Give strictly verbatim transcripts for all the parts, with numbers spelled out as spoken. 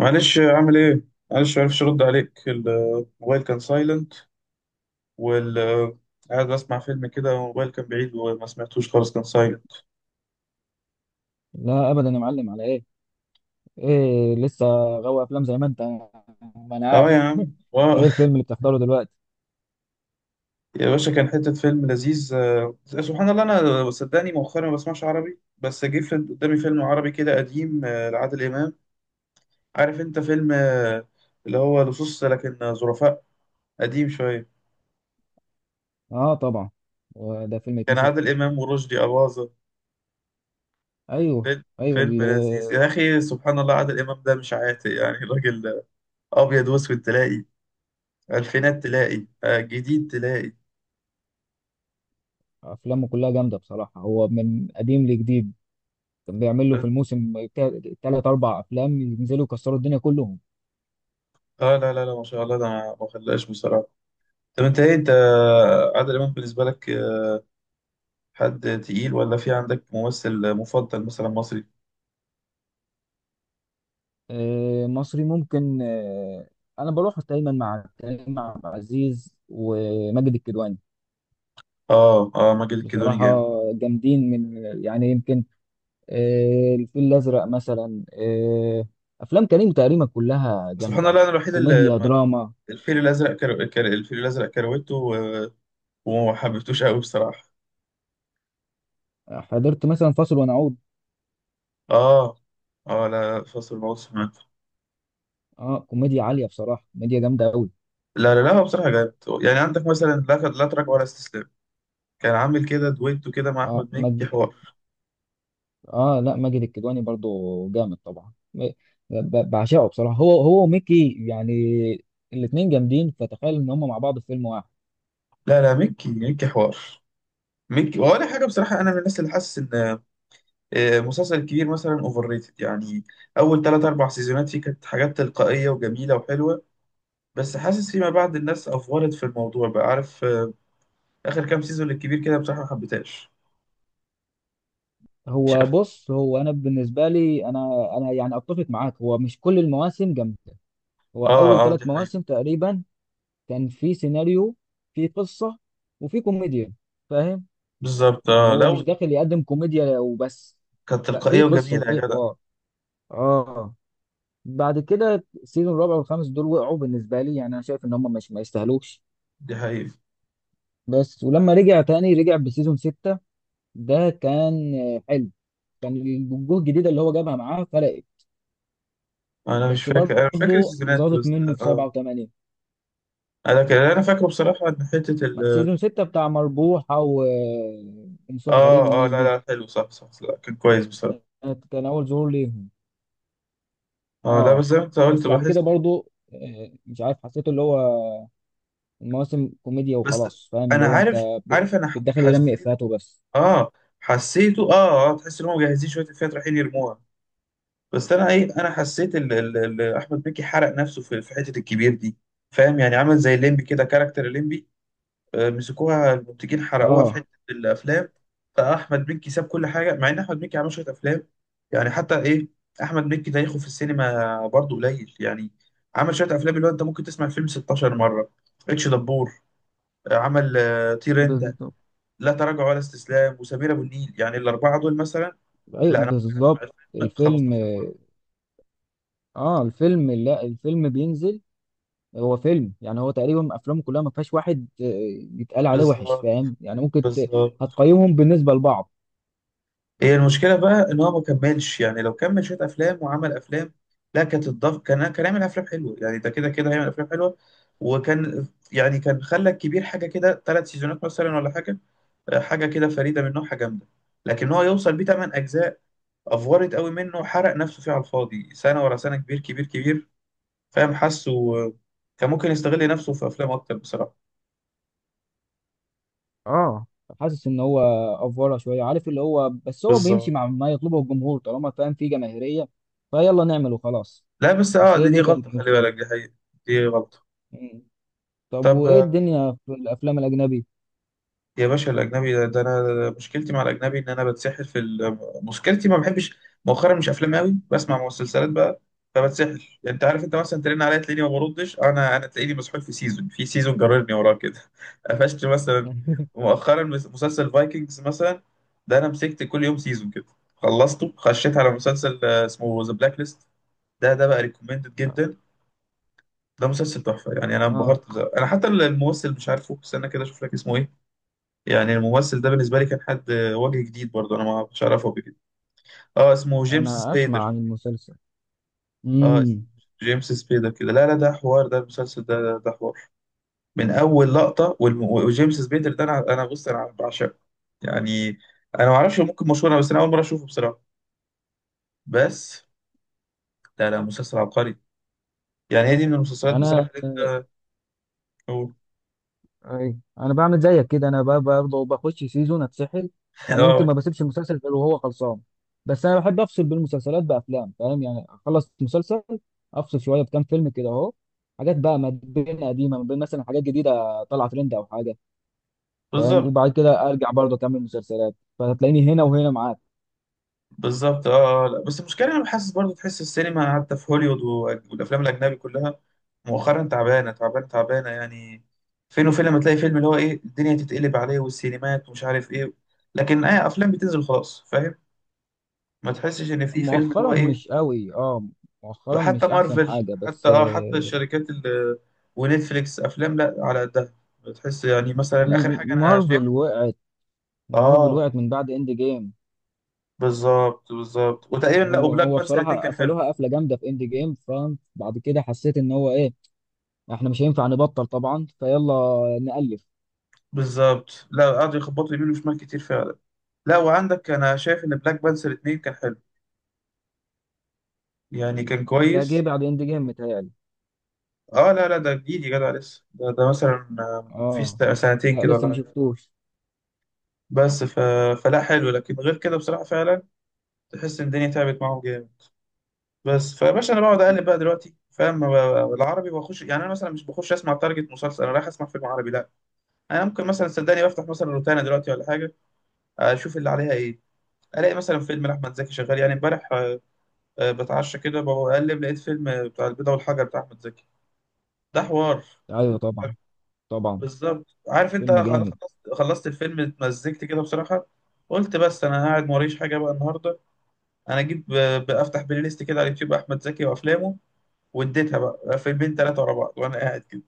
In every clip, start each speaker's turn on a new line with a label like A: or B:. A: معلش عامل ايه؟ معلش معرفش ارد عليك، الموبايل كان سايلنت. وال قاعد بسمع فيلم كده والموبايل كان بعيد وما سمعتوش خالص، كان سايلنت.
B: لا ابدا يا معلم، على ايه؟ ايه لسه. غاوي افلام زي ما انت. ما انا
A: اه يا
B: عارف
A: عم، واو
B: ايه الفيلم اللي بتحضره دلوقتي؟
A: يا باشا، كان حتة فيلم لذيذ. آه، سبحان الله، انا صدقني مؤخرا ما بسمعش عربي، بس جه في- قدامي فيلم عربي كده قديم، آه، لعادل امام. عارف انت فيلم آه، اللي هو لصوص لكن ظرفاء، قديم شوية.
B: اه طبعا. هو ده فيلم
A: كان
B: يتنسي؟
A: عادل امام ورشدي اباظة.
B: ايوه
A: فيلم
B: ايوه
A: فيلم
B: ال-
A: لذيذ يا اخي. سبحان الله، عادل امام ده مش عاتق يعني الراجل. ابيض واسود تلاقي، الفينات تلاقي، آه، جديد تلاقي.
B: افلامه كلها جامده بصراحه، هو من قديم لجديد. كان بيعمل له في الموسم ثلاث اربع افلام ينزلوا يكسروا الدنيا كلهم.
A: اه، لا لا لا، ما شاء الله، ده ما ما خلاش بصراحه. طب انت ايه، انت آه، عادل امام بالنسبه لك آه، حد تقيل ولا في عندك ممثل مفضل مثلا مصري؟
B: آه، مصري ممكن، آه. انا بروح دايما مع كريم عبد العزيز وماجد الكدواني
A: اه اه، ماجد الكدواني
B: بصراحه.
A: جامد.
B: جامدين، من يعني يمكن آه، الفيل الأزرق مثلا، آه، أفلام كريم تقريبا كلها
A: سبحان
B: جامدة.
A: الله، انا الوحيد اللي
B: كوميديا
A: ما-
B: دراما.
A: الفيل الازرق كر... كر... الفيل الازرق كروته و... وما حبيتوش قوي بصراحه.
B: آه، حضرت مثلا فاصل ونعود.
A: اه اه، لا، فصل الموت سمعته.
B: اه كوميديا عالية بصراحة، كوميديا جامدة أوي.
A: لا لا لا، هو بصراحه جامد. يعني عندك مثلا لا لا تراجع ولا استسلام، كان عامل كده دويتو كده مع
B: اه
A: احمد
B: مج...
A: مكي، حوار.
B: اه لا، ماجد الكدواني برضو جامد طبعا. م- ب- بعشقه بصراحة، هو هو وميكي يعني، الاتنين جامدين، فتخيل إن هما مع بعض في فيلم واحد.
A: لا لا، مكي مكي حوار، مكي ولا حاجه. بصراحه انا من الناس اللي حاسس ان آه، مسلسل الكبير مثلا اوفر ريتد يعني. اول ثلاث اربع سيزونات فيه كانت حاجات تلقائيه وجميله وحلوه، بس حاسس فيما بعد الناس افورت في الموضوع بقى، عارف آه، اخر كام سيزون للكبير كده بصراحه ما حبيتهاش.
B: هو
A: شفت.
B: بص، هو أنا بالنسبة لي، أنا أنا يعني أتفق معاك، هو مش كل المواسم جامدة. هو
A: اه
B: أول
A: اه،
B: ثلاث
A: دي حقيقة.
B: مواسم تقريبا كان في سيناريو، في قصة، وفي كوميديا، فاهم؟
A: بالظبط،
B: يعني
A: اه،
B: هو
A: لو
B: مش داخل يقدم كوميديا وبس،
A: كانت
B: لا، في
A: تلقائية
B: قصة
A: وجميلة يا
B: وفي
A: جدع،
B: حوار. اه، بعد كده السيزون الرابع والخامس دول وقعوا بالنسبة لي، يعني انا شايف ان هم مش ما يستاهلوش.
A: دي حقيقة.
B: بس ولما رجع تاني رجع بسيزون ستة، ده كان آه، حلو. كان الوجوه الجديدة اللي هو جابها معاه فرقت،
A: انا مش
B: بس
A: فاكر انا مش فاكر
B: برضه
A: السيزونات
B: زادت
A: بس.
B: منه في سبعة
A: اه،
B: وثمانية.
A: انا كان اللي انا فاكره بصراحة ان حتة ال
B: سيزون ستة بتاع مربوحة و- ومصطفى غريب
A: اه اه،
B: والناس
A: لا
B: دي،
A: لا، حلو، صح صح، لا، كان كويس بصراحة.
B: كانت- كان أول ظهور ليهم.
A: اه، لا، بس
B: اه،
A: زي ما انت قلت
B: بس بعد كده
A: بحس.
B: برضو آه، مش عارف حسيته اللي هو المواسم كوميديا
A: بس
B: وخلاص، فاهم اللي
A: انا
B: هو انت
A: عارف
B: ب-
A: عارف انا ح-
B: بتدخل يرمي
A: حسيت.
B: افيهات وبس.
A: اه، حسيته، اه اه. تحس ان هم مجهزين شوية الفئات رايحين يرموها. بس انا ايه، انا حسيت ال ال ال احمد مكي حرق نفسه في في حتة الكبير دي. فاهم، يعني عمل زي الليمبي كده، كاركتر الليمبي، آه، مسكوها المنتجين حرقوها في
B: اه
A: حته الافلام. فاحمد مكي ساب كل حاجه، مع ان احمد مكي عمل شويه افلام يعني. حتى ايه، احمد مكي تاريخه في السينما برضه قليل يعني. عمل شويه افلام اللي هو انت ممكن تسمع الفيلم ستاشر مره، اتش دبور، آه، عمل آه، طير انت،
B: بالظبط.
A: لا تراجع ولا استسلام، وسمير ابو النيل، يعني الاربعه دول مثلا.
B: ايوه
A: لا، انا ممكن اسمع
B: بالظبط.
A: الفيلم
B: الفيلم
A: خمسة عشر مره.
B: اه الفيلم لا الفيلم بينزل. هو فيلم يعني، هو تقريبا افلامه كلها ما فيهاش واحد آه، يتقال عليه وحش،
A: بالظبط
B: فاهم يعني؟ ممكن ت...
A: بالظبط.
B: هتقيمهم بالنسبة لبعض.
A: هي المشكلة بقى إن هو ما كملش يعني. لو كمل شوية أفلام وعمل أفلام، لا، كانت الضف، كان كان هيعمل أفلام حلوة يعني، ده كده كده هيعمل أفلام حلوة، وكان يعني كان خلى الكبير حاجة كده ثلاث سيزونات مثلا ولا حاجة، حاجة كده فريدة من نوعها جامدة. لكن هو يوصل بيه تمن أجزاء، أفورت قوي منه وحرق نفسه فيه على الفاضي، سنة ورا سنة، كبير كبير كبير. فاهم، حاسه كان ممكن يستغل نفسه في أفلام أكتر بصراحة.
B: اه، حاسس ان هو افوره شويه، عارف اللي هو، بس هو بيمشي
A: بالظبط.
B: مع ما يطلبه الجمهور طالما فاهم في جماهيريه، فيلا نعمل وخلاص.
A: لا، بس أه،
B: بس هي
A: دي, دي
B: دي كانت
A: غلطة، خلي
B: المشكلة.
A: بالك، دي حقيقة، دي غلطة.
B: مم. طب
A: طب
B: وإيه الدنيا في الأفلام الأجنبي؟
A: يا باشا الأجنبي ده، ده أنا ده مشكلتي مع الأجنبي إن أنا بتسحل في ال... مشكلتي ما بحبش. مؤخرا مش أفلام أوي، بسمع مسلسلات بقى، فبتسحل. يعني أنت عارف، أنت مثلا ترن عليا تلاقيني ما بردش، أنا أنا تلاقيني مسحول في سيزون، في سيزون جررني وراه كده قفشت مثلا مؤخرا مس- مسلسل فايكنجز مثلا، ده أنا مسكت كل يوم سيزون كده، خلصته، خشيت على مسلسل آه، اسمه ذا بلاك ليست. ده ده بقى ريكومندد جدا. ده مسلسل تحفة يعني، أنا
B: آه،
A: انبهرت بصراحة. أنا حتى الممثل مش عارفه، استنى كده أشوف لك اسمه إيه. يعني الممثل ده بالنسبة لي كان حد وجه جديد برضه، أنا ما كنتش أعرفه قبل كده. أه، اسمه جيمس
B: أنا أسمع
A: سبيدر.
B: عن المسلسل.
A: أه، اسمه
B: امم.
A: جيمس سبيدر كده. لا لا، ده حوار، ده المسلسل ده، ده, ده حوار. من أول لقطة والم... وجيمس سبيدر ده، أنا أنا بص، أنا بعشقه. يعني أنا ما أعرفش، ممكن مشهور أنا، بس أنا أول مرة أشوفه بصراحة. بس لا لا، مسلسل عبقري يعني. هي دي من المسلسلات
B: أنا
A: بصراحة اللي أنت
B: أي. أنا بعمل زيك كده أنا ب- برضه بخش سيزون أتسحل، يعني يمكن
A: أه،
B: ما بسيبش المسلسل غير وهو خلصان. بس أنا بحب أفصل بين المسلسلات بأفلام، فاهم يعني؟ أخلص مسلسل، أفصل شوية بكام فيلم كده أهو، حاجات بقى ما بين قديمة، ما بين مثلا حاجات جديدة طالعة ترند أو حاجة، فاهم؟
A: بالظبط
B: وبعد كده أرجع برضه أكمل مسلسلات، فهتلاقيني هنا وهنا معاك.
A: بالظبط، اه آه، لا بس المشكله انا حاسس برضو، تحس السينما حتى في هوليوود و- والافلام الاجنبي كلها مؤخرا تعبانه تعبانه تعبانه يعني. فين وفين لما تلاقي فيلم اللي هو ايه الدنيا تتقلب عليه والسينمات ومش عارف ايه، لكن اي افلام بتنزل خلاص فاهم، ما تحسش ان في فيلم اللي هو
B: مؤخرا
A: ايه.
B: مش قوي، اه. مؤخرا
A: حتى
B: مش احسن
A: مارفل،
B: حاجة
A: حتى
B: بس
A: اه حتى
B: آه،
A: الشركات ال- ونتفليكس، افلام لا على قدها. بتحس يعني، مثلا اخر حاجه انا شايف.
B: مارفل وقعت. مارفل
A: اه،
B: وقعت من بعد اند جيم.
A: بالظبط بالظبط. وتقريبا، لا،
B: هو
A: وبلاك
B: هو
A: بانثر الاثنين
B: بصراحة
A: كان حلو.
B: قفلوها قفلة جامدة في اند جيم، فبعد كده حسيت ان هو ايه، احنا مش هينفع نبطل طبعا، فيلا نألف.
A: بالظبط، لا قعدوا يخبطوا يمين وشمال كتير فعلا. لا، وعندك انا شايف ان بلاك بانثر اتنين كان حلو، يعني كان
B: ده جه
A: كويس.
B: بعد اند جيم متهيألي.
A: اه، لا لا ده جديد يا جدع، لسه ده, ده, مثلا آه، في
B: اه،
A: ست- سنتين
B: لا
A: كده
B: لسه
A: ولا
B: ما
A: حاجه.
B: شفتوش.
A: بس ف... فلا، حلو. لكن غير كده بصراحه فعلا تحس ان الدنيا تعبت معاهم جامد. بس فيا باشا، انا بقعد اقلب بقى دلوقتي فاهم، ب- العربي بخش. يعني انا مثلا مش بخش اسمع تارجت مسلسل، انا رايح اسمع فيلم عربي لا. انا ممكن مثلا، صدقني، بفتح مثلا روتانا دلوقتي ولا حاجه، اشوف اللي عليها ايه، الاقي مثلا فيلم لاحمد زكي شغال. يعني امبارح آه، آه، بتعشى كده، بقلب، لقيت فيلم بتاع البيضة والحجر بتاع أحمد زكي، ده حوار.
B: ايوه طبعا، طبعا.
A: بالظبط، عارف أنت،
B: فيلم
A: أنا خلصت
B: جامد.
A: خلصت الفيلم، اتمزجت كده بصراحة. قلت بس، أنا قاعد موريش حاجة بقى النهاردة، أنا أجيب ب- بفتح بلاي ليست كده على اليوتيوب أحمد زكي وأفلامه، واديتها بقى فيلمين تلاتة ورا بعض وأنا قاعد كده.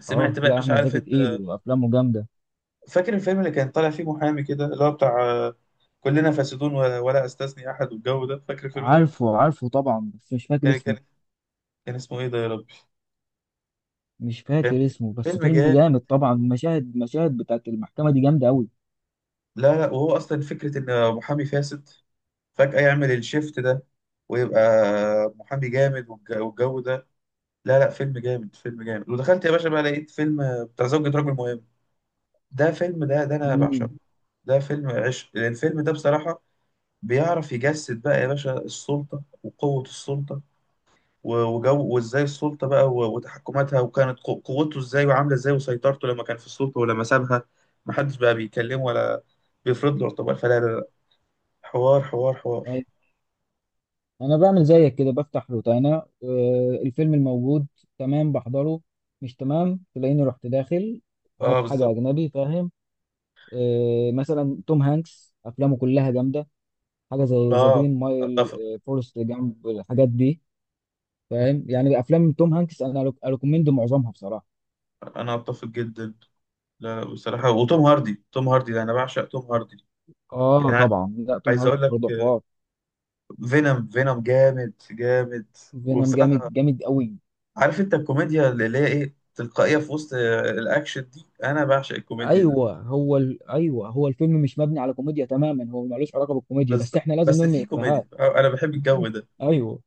A: سمعت
B: اه،
A: بقى،
B: لا
A: مش
B: احمد
A: عارف
B: زكي تقيل
A: أنت
B: وافلامه جامدة.
A: فاكر الفيلم اللي كان طالع فيه محامي كده، اللي هو بتاع آه، كلنا فاسدون و- ولا استثني أحد والجو ده، فاكر الفيلم ده؟
B: عارفه، عارفه، طبعا بس مش فاكر
A: كان
B: اسمه.
A: كان كان اسمه إيه ده يا ربي؟
B: مش فاكر
A: كان
B: اسمه بس
A: فيلم
B: فيلم
A: جامد.
B: جامد طبعا، مشاهد مشاهد بتاعت المحكمة دي جامدة أوي.
A: لا لا، وهو اصلا فكره ان محامي فاسد فجاه يعمل الشيفت ده ويبقى محامي جامد، والج- والجو ده. لا لا، فيلم جامد فيلم جامد، ودخلت يا باشا بقى، لقيت فيلم بتاع زوجة رجل مهم. ده فيلم، ده ده انا
B: امم.
A: بعشقه. ده فيلم عشق، لأن الفيلم ده بصراحه بيعرف يجسد بقى يا باشا السلطه وقوه السلطه، و- وجو، وازاي السلطه بقى و- وتحكماتها، وكانت قو- قوته ازاي وعامله ازاي وسيطرته لما كان في السلطه، ولما سابها محدش بقى بيكلمه ولا بيفرض له اعتبار، فلا لا لا، حوار حوار حوار.
B: أيوة. أنا بعمل زيك كده، بفتح روتانا آه، الفيلم الموجود تمام بحضره، مش تمام تلاقيني رحت داخل
A: اه
B: هات حاجة
A: بالظبط،
B: أجنبي، فاهم؟ آه، مثلا توم هانكس أفلامه كلها جامدة. حاجة زي ذا
A: اه،
B: جرين مايل،
A: اتفق.
B: آه، فورست جامب، الحاجات دي، فاهم يعني؟ أفلام توم هانكس أنا أريكومند معظمها بصراحة.
A: انا اتفق جدا. لا بصراحه، وتوم هاردي، توم هاردي ده انا بعشق توم هاردي
B: آه
A: يعني.
B: طبعا، لا توم
A: عايز
B: هانكس
A: اقول لك،
B: برضه حوار.
A: فينوم فينوم جامد جامد.
B: فينوم جامد،
A: وبصراحه،
B: جامد أوي.
A: عارف انت الكوميديا اللي هي ايه تلقائيه في وسط آه، الاكشن دي، انا بعشق الكوميديا دي.
B: ايوه هو ال... ايوه، هو الفيلم مش مبني على كوميديا تماما، هو ملوش علاقه بالكوميديا، بس
A: بالظبط،
B: احنا لازم
A: بس
B: نرمي
A: في
B: افيهات.
A: كوميديا آه، انا بحب الجو ده.
B: ايوه.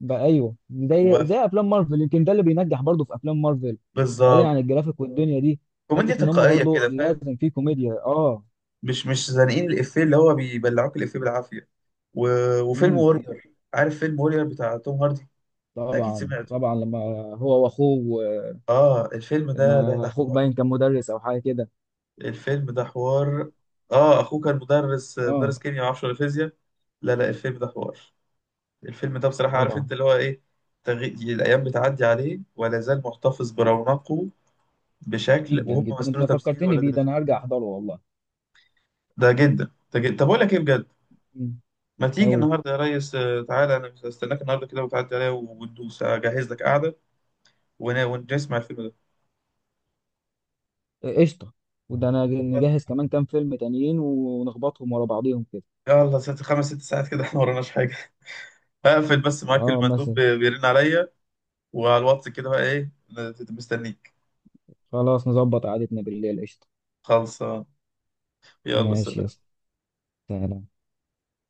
B: بقى ايوه، زي زي
A: وف-
B: افلام مارفل يمكن ده اللي بينجح برضه في افلام مارفل. بعيدا
A: بالظبط،
B: عن الجرافيك والدنيا دي،
A: كوميديا
B: حته ان هم
A: تلقائيه
B: برضه
A: كده فاهم،
B: لازم في كوميديا. اه.
A: مش مش زانقين الإفيه اللي هو بيبلعوك الإفيه بالعافية. و... وفيلم
B: امم.
A: وورير، عارف فيلم وورير بتاع توم هاردي، ده أكيد
B: طبعا،
A: سمعته.
B: طبعا، لما هو واخوه،
A: آه، الفيلم ده ده
B: لما
A: ده
B: اخوك
A: حوار،
B: باين كان مدرس او حاجه كده.
A: الفيلم ده حوار. آه، أخوه كان مدرس،
B: اه
A: مدرس كيمياء معرفش ولا فيزياء. لا لا، الفيلم ده حوار. الفيلم ده بصراحة، عارف
B: طبعا.
A: أنت اللي هو إيه، تغي... الأيام بتعدي عليه ولا زال محتفظ برونقه، بشكل
B: جدا
A: وهم
B: جدا انت
A: مثلوا تمثيل
B: فكرتني
A: ولاد
B: بيه، ده
A: رزق.
B: انا هرجع احضره والله.
A: ده جدا ده جدا، طب أقول لك إيه بجد، ما تيجي
B: امم.
A: النهارده يا ريس آه، تعالى، انا استناك النهارده كده وتعدي عليا، وندوس اجهز لك قعده ون- ونسمع الفيلم ده.
B: قشطه. وده انا
A: بس
B: نجهز كمان كام فيلم تانيين ونخبطهم ورا بعضيهم كده.
A: يلا، ست خمس ست ساعات كده احنا موراناش حاجه. هقفل بس معاك،
B: اه
A: المندوب
B: مثلا.
A: بي- بيرن عليا وعلى الواتس كده بقى ايه، مستنيك.
B: خلاص نظبط قعدتنا بالليل، قشطه.
A: خلصان. يلا
B: ماشي يا
A: سلام.
B: اسطى. سلام.